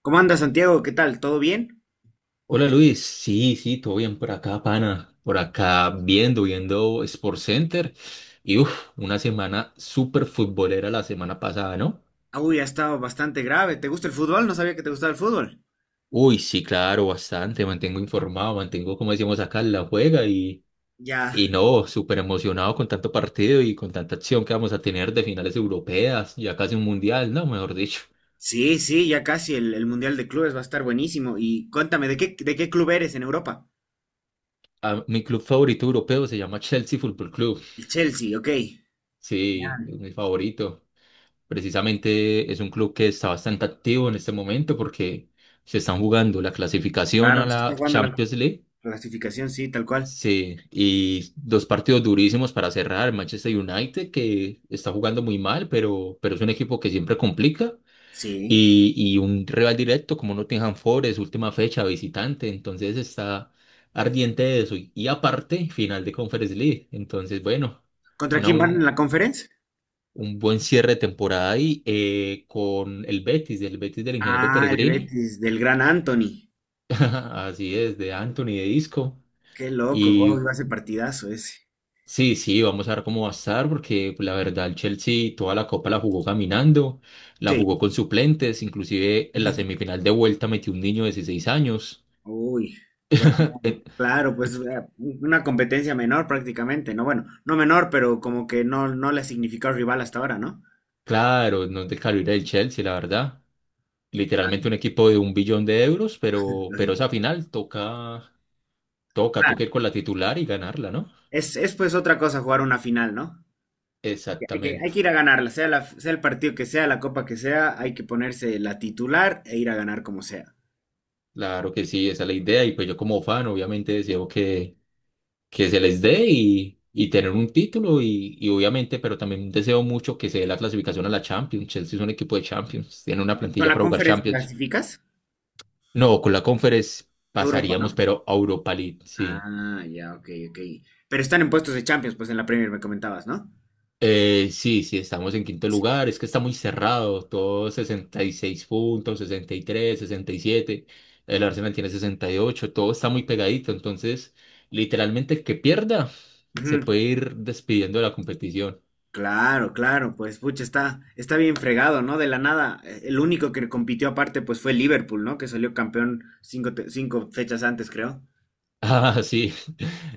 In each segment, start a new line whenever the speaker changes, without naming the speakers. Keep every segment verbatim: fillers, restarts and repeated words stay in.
¿Cómo andas, Santiago? ¿Qué tal? ¿Todo bien?
Hola Luis, sí, sí, todo bien por acá, pana, por acá viendo, viendo Sports Center y uff, una semana súper futbolera la semana pasada, ¿no?
Uy, ha estado bastante grave. ¿Te gusta el fútbol? No sabía que te gustaba el fútbol.
Uy, sí, claro, bastante, mantengo informado, mantengo, como decimos acá, la juega y,
Ya.
y no, súper emocionado con tanto partido y con tanta acción que vamos a tener de finales europeas, ya casi un mundial, ¿no? Mejor dicho.
Sí, sí, ya casi el, el Mundial de Clubes va a estar buenísimo. Y cuéntame, ¿de qué, de qué club eres en Europa?
Ah, mi club favorito europeo se llama Chelsea Football Club,
El Chelsea, ok. Genial.
sí, es mi favorito. Precisamente es un club que está bastante activo en este momento porque se están jugando la clasificación a
Claro, se
la
está jugando la
Champions League.
clasificación, sí, tal cual.
Sí, y dos partidos durísimos para cerrar. Manchester United, que está jugando muy mal, pero, pero es un equipo que siempre complica.
Sí.
Y, y un rival directo como Nottingham Forest, última fecha, visitante. Entonces está ardiente de eso. Y, y aparte, final de Conference League. Entonces, bueno,
¿Contra
una,
quién van en
un-
la conferencia?
un buen cierre de temporada ahí eh, con el Betis, el Betis del ingeniero
Ah, el
Peregrini,
Betis, del gran Anthony.
así es, de Anthony de Isco.
Qué loco, wow,
Y
va a ser partidazo ese.
sí, sí, vamos a ver cómo va a estar, porque pues, la verdad el Chelsea toda la copa la jugó caminando, la
Sí.
jugó con suplentes, inclusive en la semifinal de vuelta metió un niño de dieciséis años.
Uy,
Eh,
claro,
eh,
pues eh, una competencia menor prácticamente, ¿no? Bueno, no menor, pero como que no, no le ha significado rival hasta ahora, ¿no?
claro, no es de calibre del Chelsea, la verdad. Literalmente un equipo de un billón de euros, pero, pero esa
Lógico.
final toca, toca, toca ir
Claro.
con la titular y ganarla, ¿no?
Es, es pues otra cosa jugar una final, ¿no? Que hay que, hay
Exactamente,
que ir a ganarla, sea, la, sea el partido que sea, la copa que sea, hay que ponerse la titular e ir a ganar como sea.
claro que sí, esa es la idea y pues yo como fan obviamente deseo que, que se les dé y, y tener un título y, y obviamente, pero también deseo mucho que se dé la clasificación a la Champions. Chelsea es un equipo de Champions, tiene una
¿Con
plantilla
la
para jugar
conferencia
Champions,
clasificas?
no, con la Conference
Europa,
pasaríamos,
¿no?
pero a Europa League, sí.
Ah, ya, ok, ok. Pero están en puestos de Champions, pues en la Premier me comentabas, ¿no?
Eh, sí, sí, estamos en quinto
Sí.
lugar. Es que está muy cerrado. Todo sesenta y seis puntos, sesenta sesenta y tres, sesenta y siete. El Arsenal tiene sesenta y ocho. Todo está muy pegadito. Entonces, literalmente, el que pierda se
Ujú.
puede ir despidiendo de la competición.
Claro, claro, pues pucha, está, está bien fregado, ¿no? De la nada, eh, el único que compitió aparte pues fue Liverpool, ¿no? Que salió campeón cinco, te- cinco fechas antes, creo.
Ah, sí.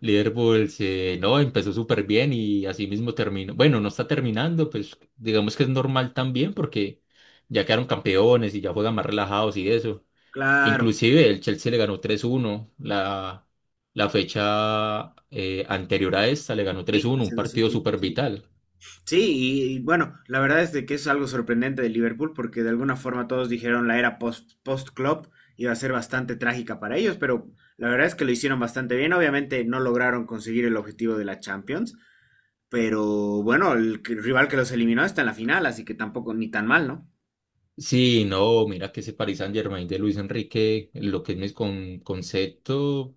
Liverpool se, no, empezó súper bien y así mismo terminó. Bueno, no está terminando, pues digamos que es normal también porque ya quedaron campeones y ya juegan más relajados y eso.
Claro,
Inclusive el Chelsea le ganó tres uno la, la fecha eh, anterior a esta, le ganó
sí,
tres uno,
hace
un
dos
partido
fechitas,
súper
sí.
vital.
Sí, y, y bueno, la verdad es de que es algo sorprendente de Liverpool porque de alguna forma todos dijeron la era post, post-Klopp iba a ser bastante trágica para ellos, pero la verdad es que lo hicieron bastante bien. Obviamente no lograron conseguir el objetivo de la Champions, pero bueno, el que- rival que los eliminó está en la final, así que tampoco ni tan mal, ¿no?
Sí, no, mira que ese Paris Saint-Germain de Luis Enrique, lo que es mi con, concepto,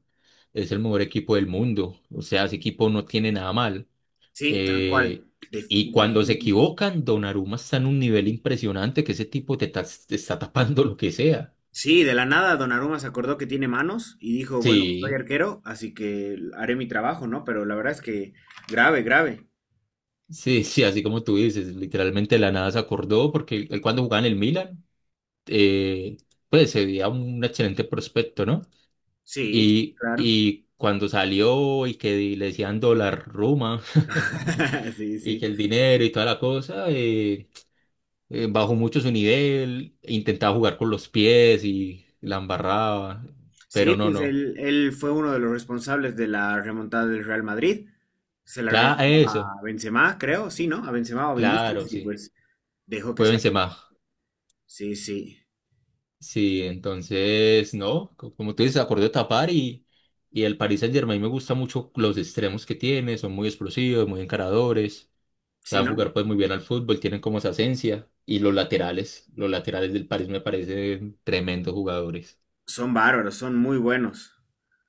es el mejor equipo del mundo. O sea, ese equipo no tiene nada mal.
Sí, tal cual.
Eh,
De-
y
de-
cuando se equivocan, Donnarumma está en un nivel impresionante que ese tipo te, tas- te está tapando lo que sea.
sí, de la nada Donnarumma se acordó que tiene manos y dijo, bueno, soy
Sí.
arquero, así que haré mi trabajo, ¿no? Pero la verdad es que grave, grave.
Sí, sí, así como tú dices, literalmente de la nada se acordó porque él cuando jugaba en el Milan, eh, pues se veía un excelente prospecto, ¿no?
Sí, sí,
Y,
claro.
y cuando salió y que le decían dólar Roma,
Sí,
y
sí.
que el dinero y toda la cosa, eh, eh, bajó mucho su nivel, intentaba jugar con los pies y la embarraba,
Sí,
pero no,
pues
no.
él, él fue uno de los responsables de la remontada del Real Madrid. Se la
Tra-
regaló
eso,
a Benzema, creo, sí, ¿no? A Benzema o a
claro,
Vinicius y
sí,
pues dejó que
fue
sea.
Benzema.
Sí, sí.
Sí, entonces, no, co- como tú dices, acordó tapar y, y el Paris Saint-Germain me gusta mucho los extremos que tiene, son muy explosivos, muy encaradores,
Sí,
saben
¿no?
jugar pues muy bien al fútbol, tienen como esa esencia y los laterales, los laterales del París me parecen tremendos jugadores.
Son bárbaros, son muy buenos.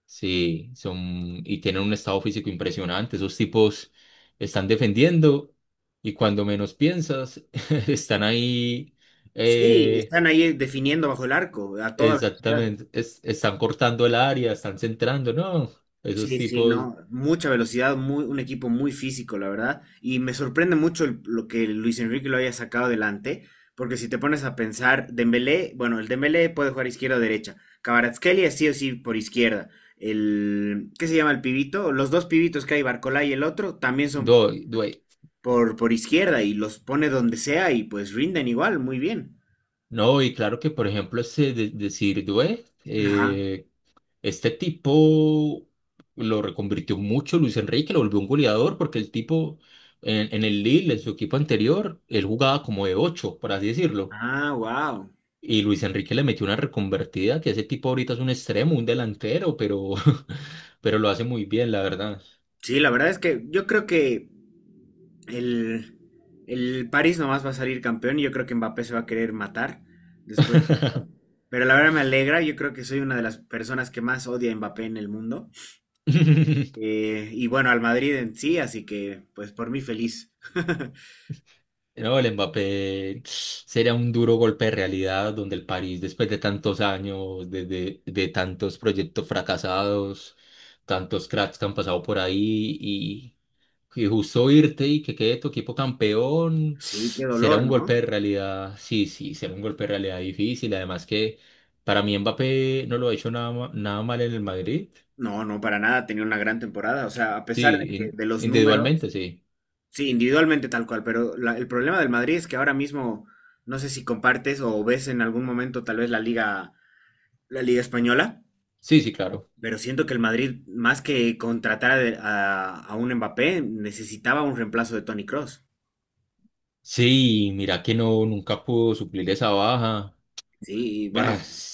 Sí, son y tienen un estado físico impresionante, esos tipos están defendiendo y cuando menos piensas están ahí
Sí,
eh,
están ahí definiendo bajo el arco a toda velocidad.
exactamente, es- están cortando el área, están centrando, no, esos
Sí, sí,
tipos,
no, mucha velocidad, muy, un equipo muy físico, la verdad. Y me sorprende mucho el- lo que Luis Enrique lo haya sacado adelante, porque si te pones a pensar, Dembélé, bueno, el Dembélé puede jugar izquierda o derecha. Kvaratskhelia sí o sí por izquierda. El, ¿qué se llama el pibito? Los dos pibitos que hay, Barcola y el otro, también son
no, due-
por, por izquierda y los pone donde sea y pues rinden igual, muy bien.
no, y claro que por ejemplo ese de- decir, due,
Ajá.
eh, este tipo lo reconvirtió mucho Luis Enrique, lo volvió un goleador, porque el tipo en, en el Lille, en su equipo anterior, él jugaba como de ocho, por así decirlo,
Ah, wow.
y Luis Enrique le metió una reconvertida, que ese tipo ahorita es un extremo, un delantero, pero, pero lo hace muy bien, la verdad.
Sí, la verdad es que yo creo que el, el París nomás va a salir campeón y yo creo que Mbappé se va a querer matar después de esto. Pero la verdad me alegra, yo creo que soy una de las personas que más odia a Mbappé en el mundo. Eh, y bueno, al Madrid en sí, así que pues por mí feliz.
No, el Mbappé sería un duro golpe de realidad donde el París, después de tantos años, de, de- de tantos proyectos fracasados, tantos cracks que han pasado por ahí y, y justo irte y que quede tu equipo campeón,
Sí, qué
será
dolor,
un golpe de
¿no?
realidad, sí, sí, será un golpe de realidad difícil. Además que para mí Mbappé no lo ha hecho nada, ma- nada mal en el Madrid,
No, no, para nada, tenía una gran temporada. O sea, a pesar de
sí,
que
in-
de los números,
individualmente, sí,
sí, individualmente tal cual, pero la- el problema del Madrid es que ahora mismo, no sé si compartes o ves en algún momento tal vez la liga, la liga española,
sí, sí, claro.
pero siento que el Madrid, más que contratar a, de- a- a un Mbappé, necesitaba un reemplazo de Toni Kroos.
Sí, mira que no, nunca pudo suplir esa baja.
Sí, y
Ah,
bueno,
sí,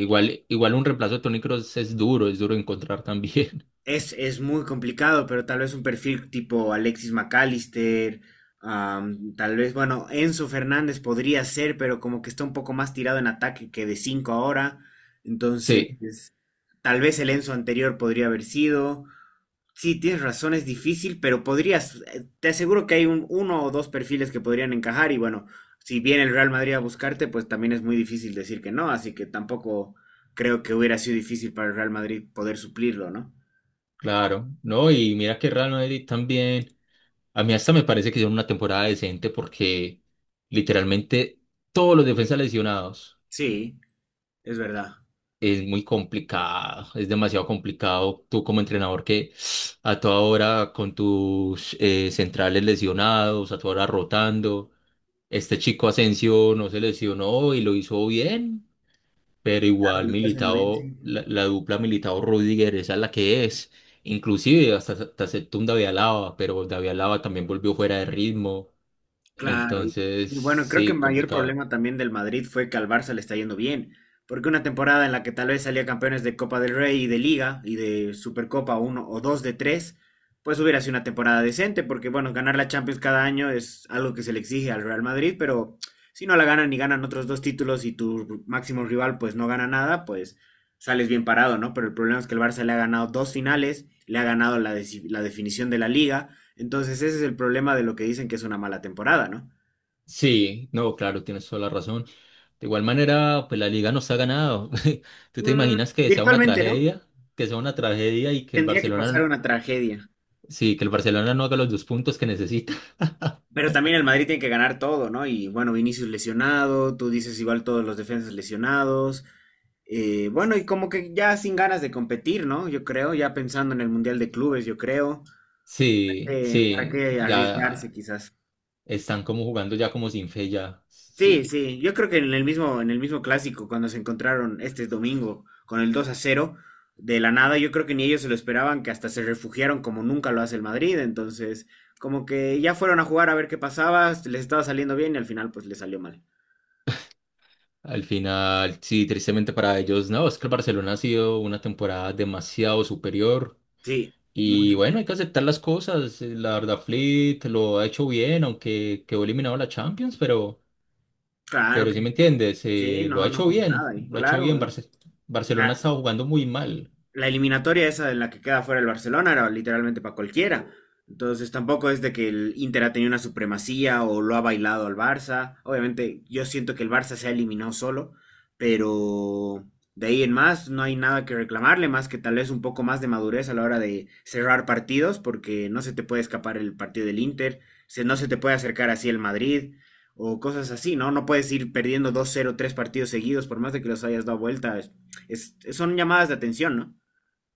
igual, igual un reemplazo de Toni Kroos es duro, es duro encontrar también.
Es, es muy complicado, pero tal vez un perfil tipo Alexis McAllister, am, tal vez, bueno, Enzo Fernández podría ser, pero como que está un poco más tirado en ataque que de cinco ahora. Entonces,
Sí,
tal vez el Enzo anterior podría haber sido. Sí, tienes razón, es difícil, pero podrías, eh, te aseguro que hay un, uno o dos perfiles que podrían encajar y bueno, si viene el Real Madrid a buscarte, pues también es muy difícil decir que no, así que tampoco creo que hubiera sido difícil para el Real Madrid poder suplirlo, ¿no?
claro. No, y mira que Real Madrid también. A mí hasta me parece que hicieron una temporada decente porque literalmente todos los defensas lesionados
Sí. Es verdad.
es muy complicado, es demasiado complicado. Tú como entrenador que a toda hora con tus eh, centrales lesionados, a toda hora rotando. Este chico Asensio no se lesionó y lo hizo bien. Pero
Claro,
igual
lo está haciendo bien,
Militao,
sí.
la, la dupla Militao-Rudiger, esa es la que es. Inclusive hasta, hasta aceptó un David Alaba, pero David Alaba también volvió fuera de ritmo.
Claro. Y,
Entonces,
y bueno, creo que el
sí,
mayor
complicado.
problema también del Madrid fue que al Barça le está yendo bien. Porque una temporada en la que tal vez salía campeones de Copa del Rey y de Liga y de Supercopa uno o dos de tres, pues hubiera sido una temporada decente. Porque bueno, ganar la Champions cada año es algo que se le exige al Real Madrid, pero si no la ganan y ganan otros dos títulos y tu máximo rival pues no gana nada, pues sales bien parado, ¿no? Pero el problema es que el Barça le ha ganado dos finales, le ha ganado la, de- la definición de la liga. Entonces ese es el problema de lo que dicen que es una mala temporada, ¿no?
Sí, no, claro, tienes toda la razón. De igual manera, pues la liga nos ha ganado. ¿Tú te
Mm,
imaginas que sea una
virtualmente, ¿no?
tragedia? Que sea una tragedia y que el
Tendría que pasar
Barcelona,
una tragedia.
sí, que el Barcelona no haga los dos puntos que necesita.
Pero también el Madrid tiene que ganar todo, ¿no? Y bueno, Vinicius lesionado, tú dices igual todos los defensas lesionados. Eh, bueno, y como que ya sin ganas de competir, ¿no? Yo creo, ya pensando en el Mundial de Clubes, yo creo.
Sí,
Eh, ¿Para
sí,
qué arriesgarse
ya
quizás?
están como jugando ya como sin fe ya.
Sí,
Sí.
sí, yo creo que en el mismo, en el mismo clásico, cuando se encontraron este domingo con el dos a cero de la nada, yo creo que ni ellos se lo esperaban, que hasta se refugiaron como nunca lo hace el Madrid, entonces como que ya fueron a jugar a ver qué pasaba, este, les estaba saliendo bien y al final pues les salió mal.
Al final, sí, tristemente para ellos, no, es que el Barcelona ha sido una temporada demasiado superior
Sí, muy-
y bueno,
super-
hay que aceptar las cosas. eh, La verdad, Flick lo ha hecho bien, aunque quedó eliminado de la Champions, pero,
claro
pero
que
sí me entiendes,
sí,
eh, lo ha
no, no
hecho
pasa
bien,
nada, y
lo ha hecho bien.
claro,
Barce- Barcelona está jugando muy mal.
la eliminatoria esa en la que queda fuera el Barcelona era literalmente para cualquiera. Entonces tampoco es de que el Inter ha tenido una supremacía o lo ha bailado al Barça. Obviamente yo siento que el Barça se ha eliminado solo, pero de ahí en más no hay nada que reclamarle, más que tal vez un poco más de madurez a la hora de cerrar partidos, porque no se te puede escapar el partido del Inter, se, no se te puede acercar así el Madrid o cosas así, ¿no? No puedes ir perdiendo dos cero tres partidos seguidos, por más de que los hayas dado vuelta. Es- es- son llamadas de atención, ¿no?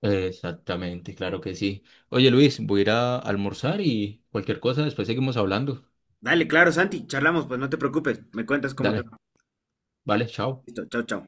Exactamente, claro que sí. Oye, Luis, voy a ir a almorzar y cualquier cosa, después seguimos hablando.
Dale, claro, Santi, charlamos, pues no te preocupes, me cuentas cómo te
Dale,
va.
vale, chao.
Listo, chao, chao.